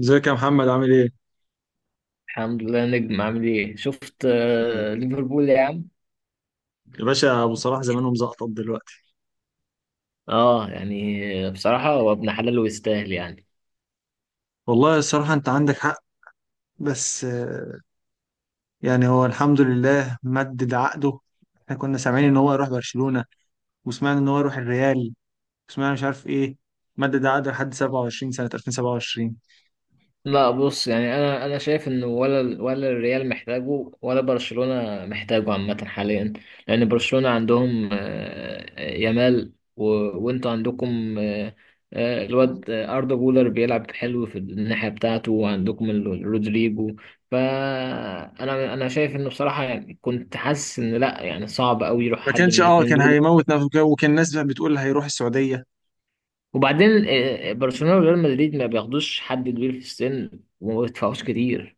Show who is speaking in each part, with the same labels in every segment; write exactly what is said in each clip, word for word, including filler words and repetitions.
Speaker 1: ازيك يا محمد؟ عامل ايه؟
Speaker 2: الحمد لله نجم، عامل ايه؟ شفت آه، ليفربول يا عم.
Speaker 1: يا باشا، ابو صلاح زمانه مزقطط دلوقتي.
Speaker 2: اه يعني بصراحة هو ابن حلال ويستاهل يعني.
Speaker 1: والله الصراحة انت عندك حق، بس آه، يعني هو الحمد لله مدد عقده. احنا كنا سامعين ان هو يروح برشلونة، وسمعنا ان هو يروح الريال، وسمعنا مش عارف ايه. مدد عقده لحد سبعة وعشرين سنة، ألفين وسبعة وعشرين.
Speaker 2: لا بص، يعني انا انا شايف انه ولا ال- ولا الريال محتاجه ولا برشلونة محتاجه عامة حاليا. لان برشلونة عندهم آه، آه، يامال و... وانتوا عندكم آه، آه، الواد آه، اردا جولر بيلعب حلو في الناحية بتاعته، وعندكم ال- رودريجو. فانا انا شايف انه بصراحة يعني كنت حاسس ان لا، يعني صعب قوي يروح
Speaker 1: ما
Speaker 2: حد من
Speaker 1: كانش اه
Speaker 2: الاتنين
Speaker 1: كان
Speaker 2: دول.
Speaker 1: هيموت نفسه كده، وكان الناس بتقول هيروح السعودية.
Speaker 2: وبعدين آه، آه، برشلونة وريال مدريد ما بياخدوش حد كبير في السن وما بيدفعوش كتير.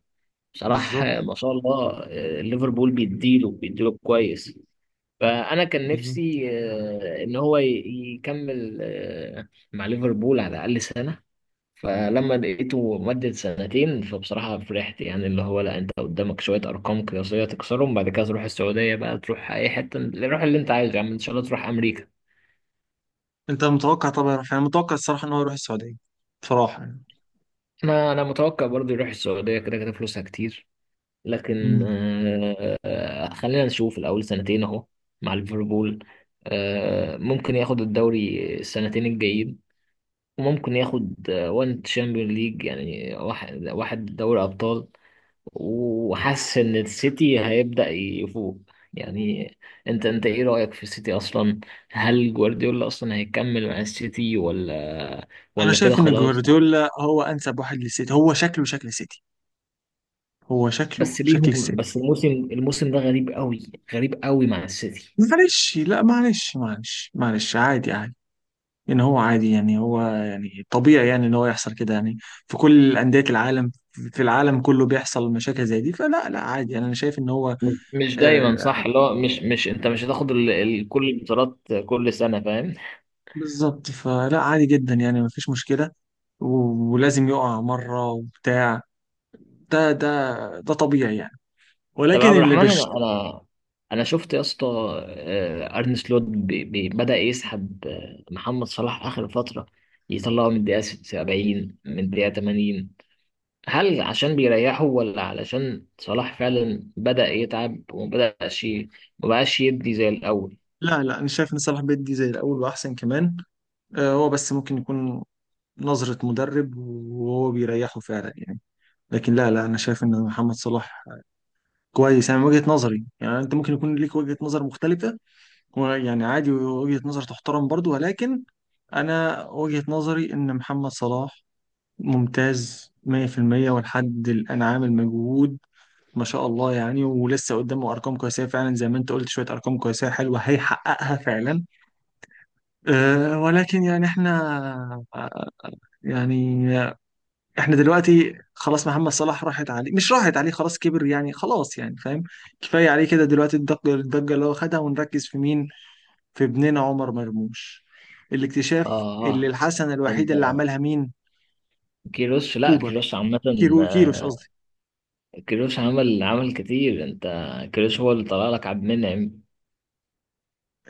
Speaker 2: بصراحة
Speaker 1: بالظبط،
Speaker 2: ما شاء الله آه، ليفربول بيديله بيديله كويس. فأنا كان
Speaker 1: بالظبط.
Speaker 2: نفسي آه، إن هو ي- يكمل آه، مع ليفربول على الأقل سنة. فلما لقيته مدد سنتين فبصراحة فرحت، يعني اللي هو لا، أنت قدامك شوية أرقام قياسية تكسرهم، بعد كده تروح السعودية بقى، تروح أي حتة، روح اللي أنت عايزه يا عم، إن شاء الله تروح أمريكا.
Speaker 1: انت متوقع طبعا يروح فين؟ انا متوقع الصراحة ان هو يروح السعودية، بصراحة يعني.
Speaker 2: أنا أنا متوقع برضه يروح السعودية، كده كده فلوسها كتير. لكن
Speaker 1: مم.
Speaker 2: آه، آه، خلينا نشوف الأول سنتين أهو مع ليفربول. آه، ممكن ياخد الدوري السنتين الجايين، وممكن ياخد آه، وان تشامبيون ليج يعني، واحد واحد، دوري أبطال. وحاسس إن السيتي هيبدأ يفوق. يعني انت انت ايه رأيك في السيتي اصلا؟ هل جوارديولا اصلا هيكمل مع السيتي، ولا
Speaker 1: انا
Speaker 2: ولا كده
Speaker 1: شايف ان
Speaker 2: خلاص؟
Speaker 1: جوارديولا هو انسب واحد للسيتي. هو شكله شكل سيتي، هو شكله
Speaker 2: بس
Speaker 1: شكل
Speaker 2: ليهم،
Speaker 1: السيتي.
Speaker 2: بس الموسم الموسم ده غريب قوي، غريب قوي مع السيتي.
Speaker 1: معلش، لا معلش معلش معلش، عادي عادي. ان هو عادي، يعني هو يعني طبيعي يعني ان هو يحصل كده يعني. في كل انديه العالم، في العالم كله، بيحصل مشاكل زي دي، فلا لا عادي يعني. انا شايف ان هو
Speaker 2: مش مش
Speaker 1: آه
Speaker 2: دايما صح، اللي هو مش مش انت مش هتاخد ال... ال... كل البطولات كل سنه، فاهم.
Speaker 1: بالظبط، فلا عادي جدا يعني مفيش مشكله. و- ولازم يقع مره وبتاع. ده ده ده طبيعي يعني.
Speaker 2: طب يا
Speaker 1: ولكن
Speaker 2: عبد
Speaker 1: اللي
Speaker 2: الرحمن،
Speaker 1: بش،
Speaker 2: انا انا انا شفت يا اسطى آه، ارن سلوت بي... بي... بدا يسحب آه، محمد صلاح اخر فتره، يطلعه من الدقيقه سبعين، من الدقيقه تمانين. هل عشان بيريحه، ولا علشان صلاح فعلا بدا يتعب ومبداش ي- مبقاش يدي زي الاول؟
Speaker 1: لا لا انا شايف ان صلاح بدري زي الاول واحسن كمان. آه، هو بس ممكن يكون نظرة مدرب وهو بيريحه فعلا يعني. لكن لا لا انا شايف ان محمد صلاح كويس، يعني من وجهة نظري. يعني انت ممكن يكون ليك وجهة نظر مختلفة، ويعني عادي، وجهة نظر تحترم برضو، ولكن انا وجهة نظري ان محمد صلاح ممتاز مية في المية، ولحد الان عامل مجهود ما شاء الله يعني. ولسه قدامه ارقام قياسيه فعلا، زي ما انت قلت، شويه ارقام قياسيه حلوه هيحققها فعلا. أه، ولكن يعني احنا، يعني احنا دلوقتي خلاص محمد صلاح راحت عليه، مش راحت عليه، خلاص كبر يعني، خلاص يعني فاهم. كفاية عليه كده دلوقتي، الضجة الضجة اللي هو خدها، ونركز في مين؟ في ابننا عمر مرموش،
Speaker 2: اه
Speaker 1: الاكتشاف، اللي
Speaker 2: آه،
Speaker 1: الحسنة
Speaker 2: انت
Speaker 1: الوحيدة اللي عملها مين؟
Speaker 2: كيروش، لا
Speaker 1: كوبر.
Speaker 2: كيروش عامه.
Speaker 1: كيرو كيروش
Speaker 2: آه،
Speaker 1: قصدي.
Speaker 2: كيروش عمل عمل كتير، انت. كيروش هو اللي طلع لك عبد المنعم.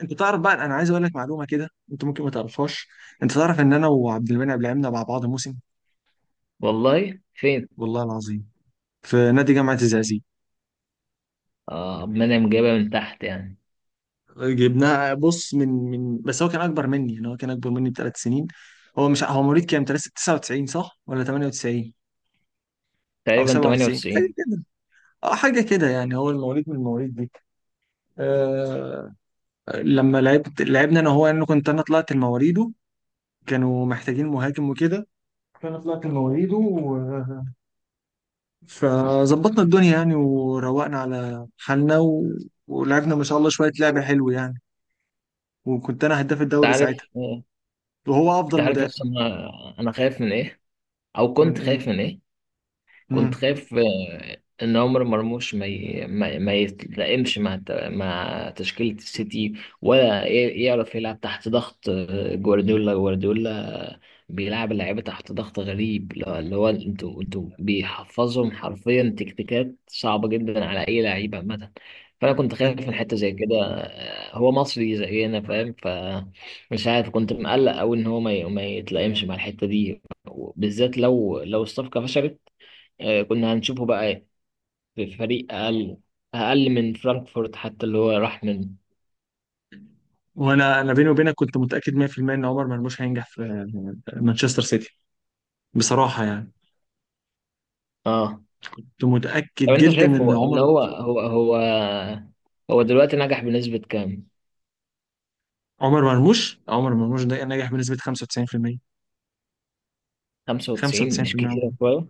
Speaker 1: انت تعرف بقى، انا عايز اقول لك معلومة كده انت ممكن ما تعرفهاش. انت تعرف ان انا وعبد المنعم لعبنا مع بعض موسم؟
Speaker 2: والله؟ فين؟
Speaker 1: والله العظيم، في نادي جامعة الزقازيق.
Speaker 2: اه، عبد المنعم جايبها من تحت يعني.
Speaker 1: جبناه، بص، من من بس هو كان اكبر مني، يعني هو كان اكبر مني بثلاث سنين. هو مش، هو مواليد كام؟ تسعة وتسعين صح، ولا ثمانية وتسعين او
Speaker 2: تقريبا
Speaker 1: سبعة وتسعين حاجه
Speaker 2: تمانية وتسعين.
Speaker 1: كده. اه حاجه كده يعني، هو المواليد من المواليد دي. آه، لما لعبت، لعبنا انا وهو، يعني كنت انا طلعت المواليده، كانوا محتاجين مهاجم وكده، فانا طلعت المواليد و... فظبطنا الدنيا يعني، وروقنا على حالنا و... ولعبنا ما شاء الله شويه لعبه حلوه يعني، وكنت انا هداف
Speaker 2: انت
Speaker 1: الدوري
Speaker 2: عارف،
Speaker 1: ساعتها، وهو
Speaker 2: انت
Speaker 1: افضل
Speaker 2: عارف
Speaker 1: مدافع.
Speaker 2: اصلا انا أنا خايف من ايه، او
Speaker 1: من
Speaker 2: كنت
Speaker 1: ايه؟
Speaker 2: خايف من ايه؟ كنت
Speaker 1: مم.
Speaker 2: خايف آه، ان عمر مرموش ما ي... ما, ما يتلائمش مع الت- مع تشكيلة السيتي، ولا ي- يعرف يلعب تحت ضغط آه، جوارديولا جوارديولا. بيلعب اللعيبة تحت ضغط غريب، لو- اللي هو انتوا انتوا بيحفظهم حرفيا تكتيكات صعبة جدا على اي لعيب عامة. فانا كنت
Speaker 1: أن-
Speaker 2: خايف من حتة زي كده. آه، هو مصري زينا، فاهم، ف مش عارف، كنت مقلق أوي إن هو ما ي- ما يتلائمش مع الحتة دي، بالذات لو لو الصفقة فشلت. آه، كنا هنشوفه بقى إيه؟ في فريق اقل، اقل من فرانكفورت حتى، اللي هو راح منه.
Speaker 1: وانا انا بيني وبينك كنت متاكد مية في المية ان عمر مرموش هينجح في مانشستر سيتي، بصراحه يعني.
Speaker 2: اه.
Speaker 1: كنت
Speaker 2: طب
Speaker 1: متاكد
Speaker 2: انت
Speaker 1: جدا
Speaker 2: شايف
Speaker 1: ان
Speaker 2: هو ان
Speaker 1: عمر،
Speaker 2: هو هو هو هو دلوقتي نجح بنسبة كام؟
Speaker 1: عمر مرموش عمر مرموش ده نجح بنسبه خمسة وتسعين في المية.
Speaker 2: خمسة وتسعين مش
Speaker 1: خمسة وتسعين في المية عمر،
Speaker 2: كتير شوية؟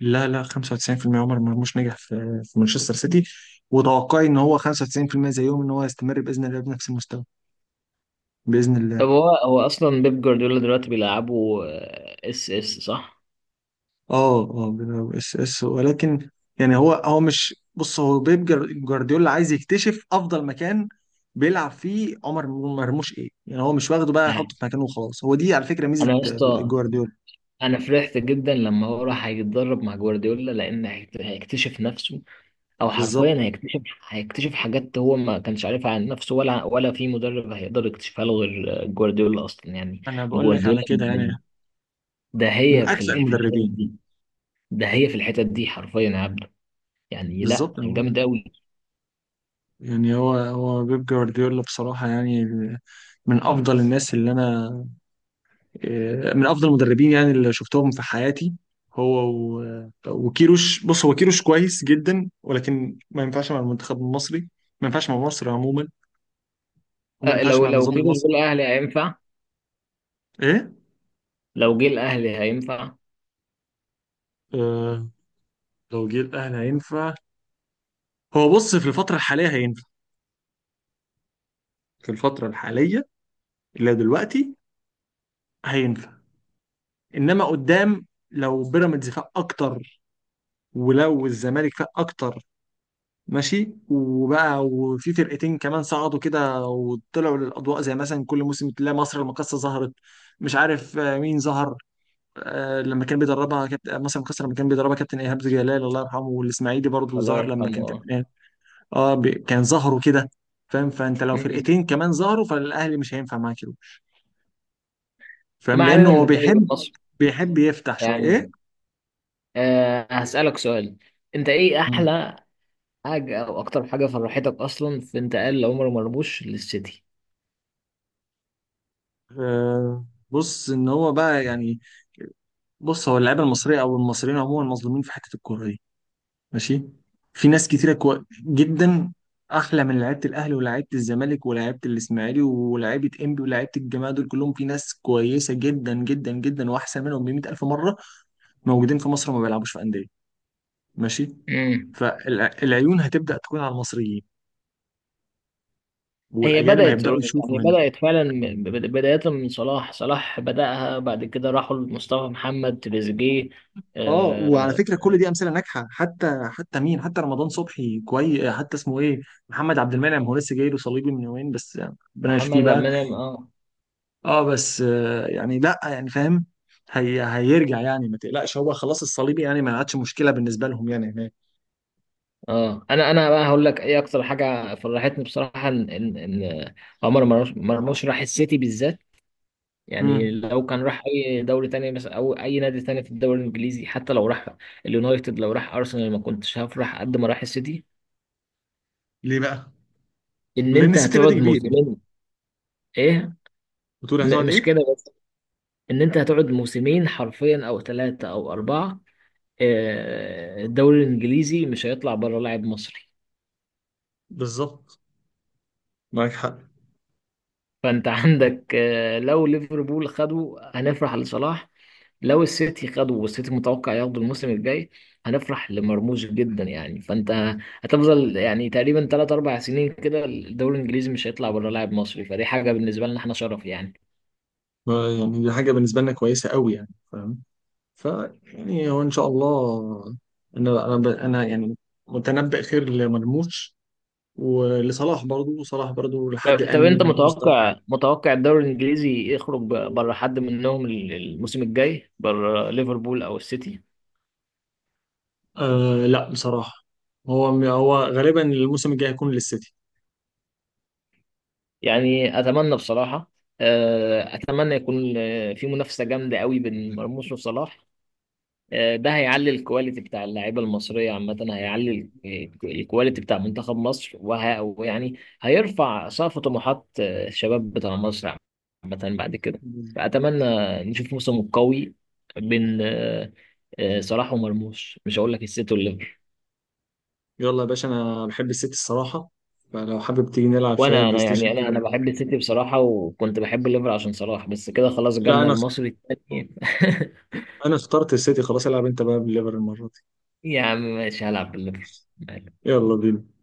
Speaker 1: لا لا، خمسة وتسعين في المية عمر مرموش نجح في في مانشستر سيتي. وتوقعي ان هو خمسة وتسعين في المية زيهم، ان هو يستمر باذن الله بنفس المستوى، باذن
Speaker 2: طب
Speaker 1: الله.
Speaker 2: هو هو اصلا بيب جوارديولا دلوقتي بيلعبوا اس اس صح؟
Speaker 1: اه اه، بيلعب اس اس، ولكن يعني هو هو مش، بص هو بيب جر- جوارديولا عايز يكتشف افضل مكان بيلعب فيه عمر مرموش ايه يعني، هو مش واخده بقى يحطه
Speaker 2: نعم.
Speaker 1: في مكانه وخلاص. هو دي على فكرة ميزة
Speaker 2: انا يا
Speaker 1: آه،
Speaker 2: اسطى،
Speaker 1: جوارديولا.
Speaker 2: انا فرحت جدا لما هو راح هيتدرب مع جوارديولا، لان هيكت- هيكتشف نفسه، او حرفيا
Speaker 1: بالظبط،
Speaker 2: هيكتشف، هيكتشف حاجات هو ما كانش عارفها عن نفسه، ولا ولا في مدرب هيقدر يكتشفها له غير جوارديولا اصلا يعني.
Speaker 1: انا بقول لك
Speaker 2: جوارديولا
Speaker 1: على كده يعني،
Speaker 2: من- ده
Speaker 1: من
Speaker 2: هي في
Speaker 1: اكثر
Speaker 2: ال- في الحتت
Speaker 1: المدربين.
Speaker 2: دي، ده هي في الحتت دي حرفيا يا عبده، يعني لا،
Speaker 1: بالظبط، انا بقول لك.
Speaker 2: جامد قوي.
Speaker 1: يعني هو هو بيب جوارديولا بصراحة يعني، من افضل الناس اللي انا، آه، من افضل المدربين يعني اللي شفتهم في حياتي. هو و- وكيروش. بص، هو كيروش كويس جدا، ولكن ما ينفعش مع المنتخب المصري، ما ينفعش مع مصر عموما، وما
Speaker 2: أه
Speaker 1: ينفعش
Speaker 2: لو
Speaker 1: مع
Speaker 2: لو
Speaker 1: النظام
Speaker 2: كده جه
Speaker 1: المصري.
Speaker 2: الاهلي هينفع.
Speaker 1: ايه؟
Speaker 2: لو جه الاهلي هينفع.
Speaker 1: آه، لو جه الاهلي هينفع. هو بص في الفترة الحالية هينفع، في الفترة الحالية اللي دلوقتي هينفع، انما قدام، لو بيراميدز فاق اكتر، ولو الزمالك فاق اكتر، ماشي، وبقى وفي فرقتين كمان صعدوا كده وطلعوا للأضواء، زي مثلا كل موسم تلاقي مصر المقاصة ظهرت. مش عارف آه، مين ظهر. آه، لما كان بيدربها كابت... آه، مصر المقاصة لما كان بيدربها كابتن إيهاب جلال الله يرحمه، والإسماعيلي برضه
Speaker 2: الله
Speaker 1: ظهر لما كان
Speaker 2: يرحمه، اه.
Speaker 1: كابتن إيهاب. اه، ب... كان ظهروا كده، فاهم. فأنت لو
Speaker 2: أمم.
Speaker 1: فرقتين كمان ظهروا، فالأهلي مش هينفع معاه كده، فاهم،
Speaker 2: ما
Speaker 1: لأنه
Speaker 2: علينا من
Speaker 1: هو
Speaker 2: الدوري
Speaker 1: بيحب
Speaker 2: المصري
Speaker 1: بيحب يفتح شوية إيه.
Speaker 2: يعني. أه هسألك سؤال. انت ايه
Speaker 1: مم.
Speaker 2: احلى حاجة، او اكتر حاجة فرحتك اصلا في انتقال عمر مرموش للسيتي؟
Speaker 1: آه، بص ان هو بقى يعني، بص، هو اللعيبه المصريه او المصريين عموما مظلومين في حته الكوره دي، ماشي. في ناس كتيرة كو... جدا، احلى من لعيبه الاهلي ولاعيبه الزمالك ولاعيبه الاسماعيلي ولاعيبه انبي ولاعيبه الجماعه دول كلهم. في ناس كويسه جدا جدا جدا، واحسن منهم ب مية الف مره، موجودين في مصر وما بيلعبوش في انديه، ماشي.
Speaker 2: مم.
Speaker 1: فالعيون هتبدا تكون على المصريين،
Speaker 2: هي
Speaker 1: والاجانب
Speaker 2: بدأت
Speaker 1: هيبداوا
Speaker 2: يعني،
Speaker 1: يشوفوا هنا.
Speaker 2: بدأت فعلا من- بد- بداية من صلاح، صلاح بدأها، بعد كده راحوا لمصطفى محمد، تريزيجيه،
Speaker 1: اه، وعلى
Speaker 2: آه،
Speaker 1: فكره كل دي امثله ناجحه، حتى حتى مين، حتى رمضان صبحي كويس، حتى اسمه ايه، محمد عبد المنعم. هو لسه جاي له صليبي من يومين بس، ربنا يشفيه
Speaker 2: محمد عبد
Speaker 1: بقى.
Speaker 2: المنعم، اه.
Speaker 1: اه، بس آه، يعني لا يعني فاهم. هي هيرجع يعني، ما تقلقش، هو خلاص الصليبي يعني ما عادش مشكله بالنسبه لهم يعني هناك.
Speaker 2: اه، انا انا بقى هقول لك ايه اكتر حاجه فرحتني بصراحه، ان ان إن عمر مرموش مرموش راح السيتي بالذات. يعني
Speaker 1: امم
Speaker 2: لو كان راح اي دوري تاني مثلا، او اي نادي تاني في الدوري الانجليزي، حتى لو راح اليونايتد، لو راح ارسنال، ما كنتش هفرح قد ما راح السيتي.
Speaker 1: ليه بقى؟
Speaker 2: ان
Speaker 1: لان
Speaker 2: انت
Speaker 1: السيتي
Speaker 2: هتقعد
Speaker 1: نادي كبير يعني.
Speaker 2: موسمين. ايه،
Speaker 1: بتقول
Speaker 2: م-
Speaker 1: هتقعد
Speaker 2: مش
Speaker 1: ايه؟
Speaker 2: كده، ان انت هتقعد موسمين حرفيا، او ثلاثة او اربعة. آه، الدوري الانجليزي مش هيطلع بره لاعب مصري.
Speaker 1: بالظبط، معاك حق.
Speaker 2: فانت عندك آه، لو ليفربول خدوا هنفرح لصلاح، لو السيتي خدوا، والسيتي متوقع ياخدوا الموسم الجاي، هنفرح لمرموش جدا. يعني فانت هتفضل يعني تقريبا تلاتة اربعة سنين كده الدوري الانجليزي مش هيطلع بره لاعب مصري، فدي حاجة بالنسبة لنا احنا شرف يعني.
Speaker 1: ما- يعني دي حاجه بالنسبه لنا كويسه قوي يعني فاهم. ف يعني هو ان شاء الله. انا انا ب- انا يعني متنبئ خير لمرموش، ولصلاح برضو. صلاح برضو لحد
Speaker 2: طب طب
Speaker 1: الان
Speaker 2: انت
Speaker 1: مستوى.
Speaker 2: متوقع، متوقع الدوري الانجليزي يخرج ب- بره حد منهم ال- الموسم الجاي، بره ليفربول او السيتي؟
Speaker 1: آه لا بصراحه، هو هو غالبا الموسم الجاي هيكون للسيتي.
Speaker 2: يعني اتمنى بصراحه. آه، اتمنى يكون آه، في منافسه جامده قوي بين مرموش وصلاح. آه، ده هيعلي الكواليتي بتاع اللعيبه المصريه عامه، هيعلي ال- الكواليتي بتاع منتخب مصر، وه- ويعني هيرفع سقف طموحات آه، الشباب بتاع مصر عامه بعد كده. فاتمنى نشوف موسم قوي بين آه، آه، صلاح ومرموش، مش هقول لك السيتي والليفر.
Speaker 1: يلا يا باشا، انا بحب السيتي الصراحه، فلو حابب تيجي نلعب شويه
Speaker 2: وانا
Speaker 1: بلاي
Speaker 2: انا يعني،
Speaker 1: ستيشن
Speaker 2: انا انا
Speaker 1: كده.
Speaker 2: بحب السيتي بصراحه، وكنت بحب الليفر عشان صلاح، بس كده خلاص
Speaker 1: لا،
Speaker 2: جالنا
Speaker 1: انا
Speaker 2: المصري التاني.
Speaker 1: انا اخترت السيتي خلاص، العب انت بقى بالليفر المره دي.
Speaker 2: يا عم ماشي، هلعب بالليفر.
Speaker 1: يلا بينا.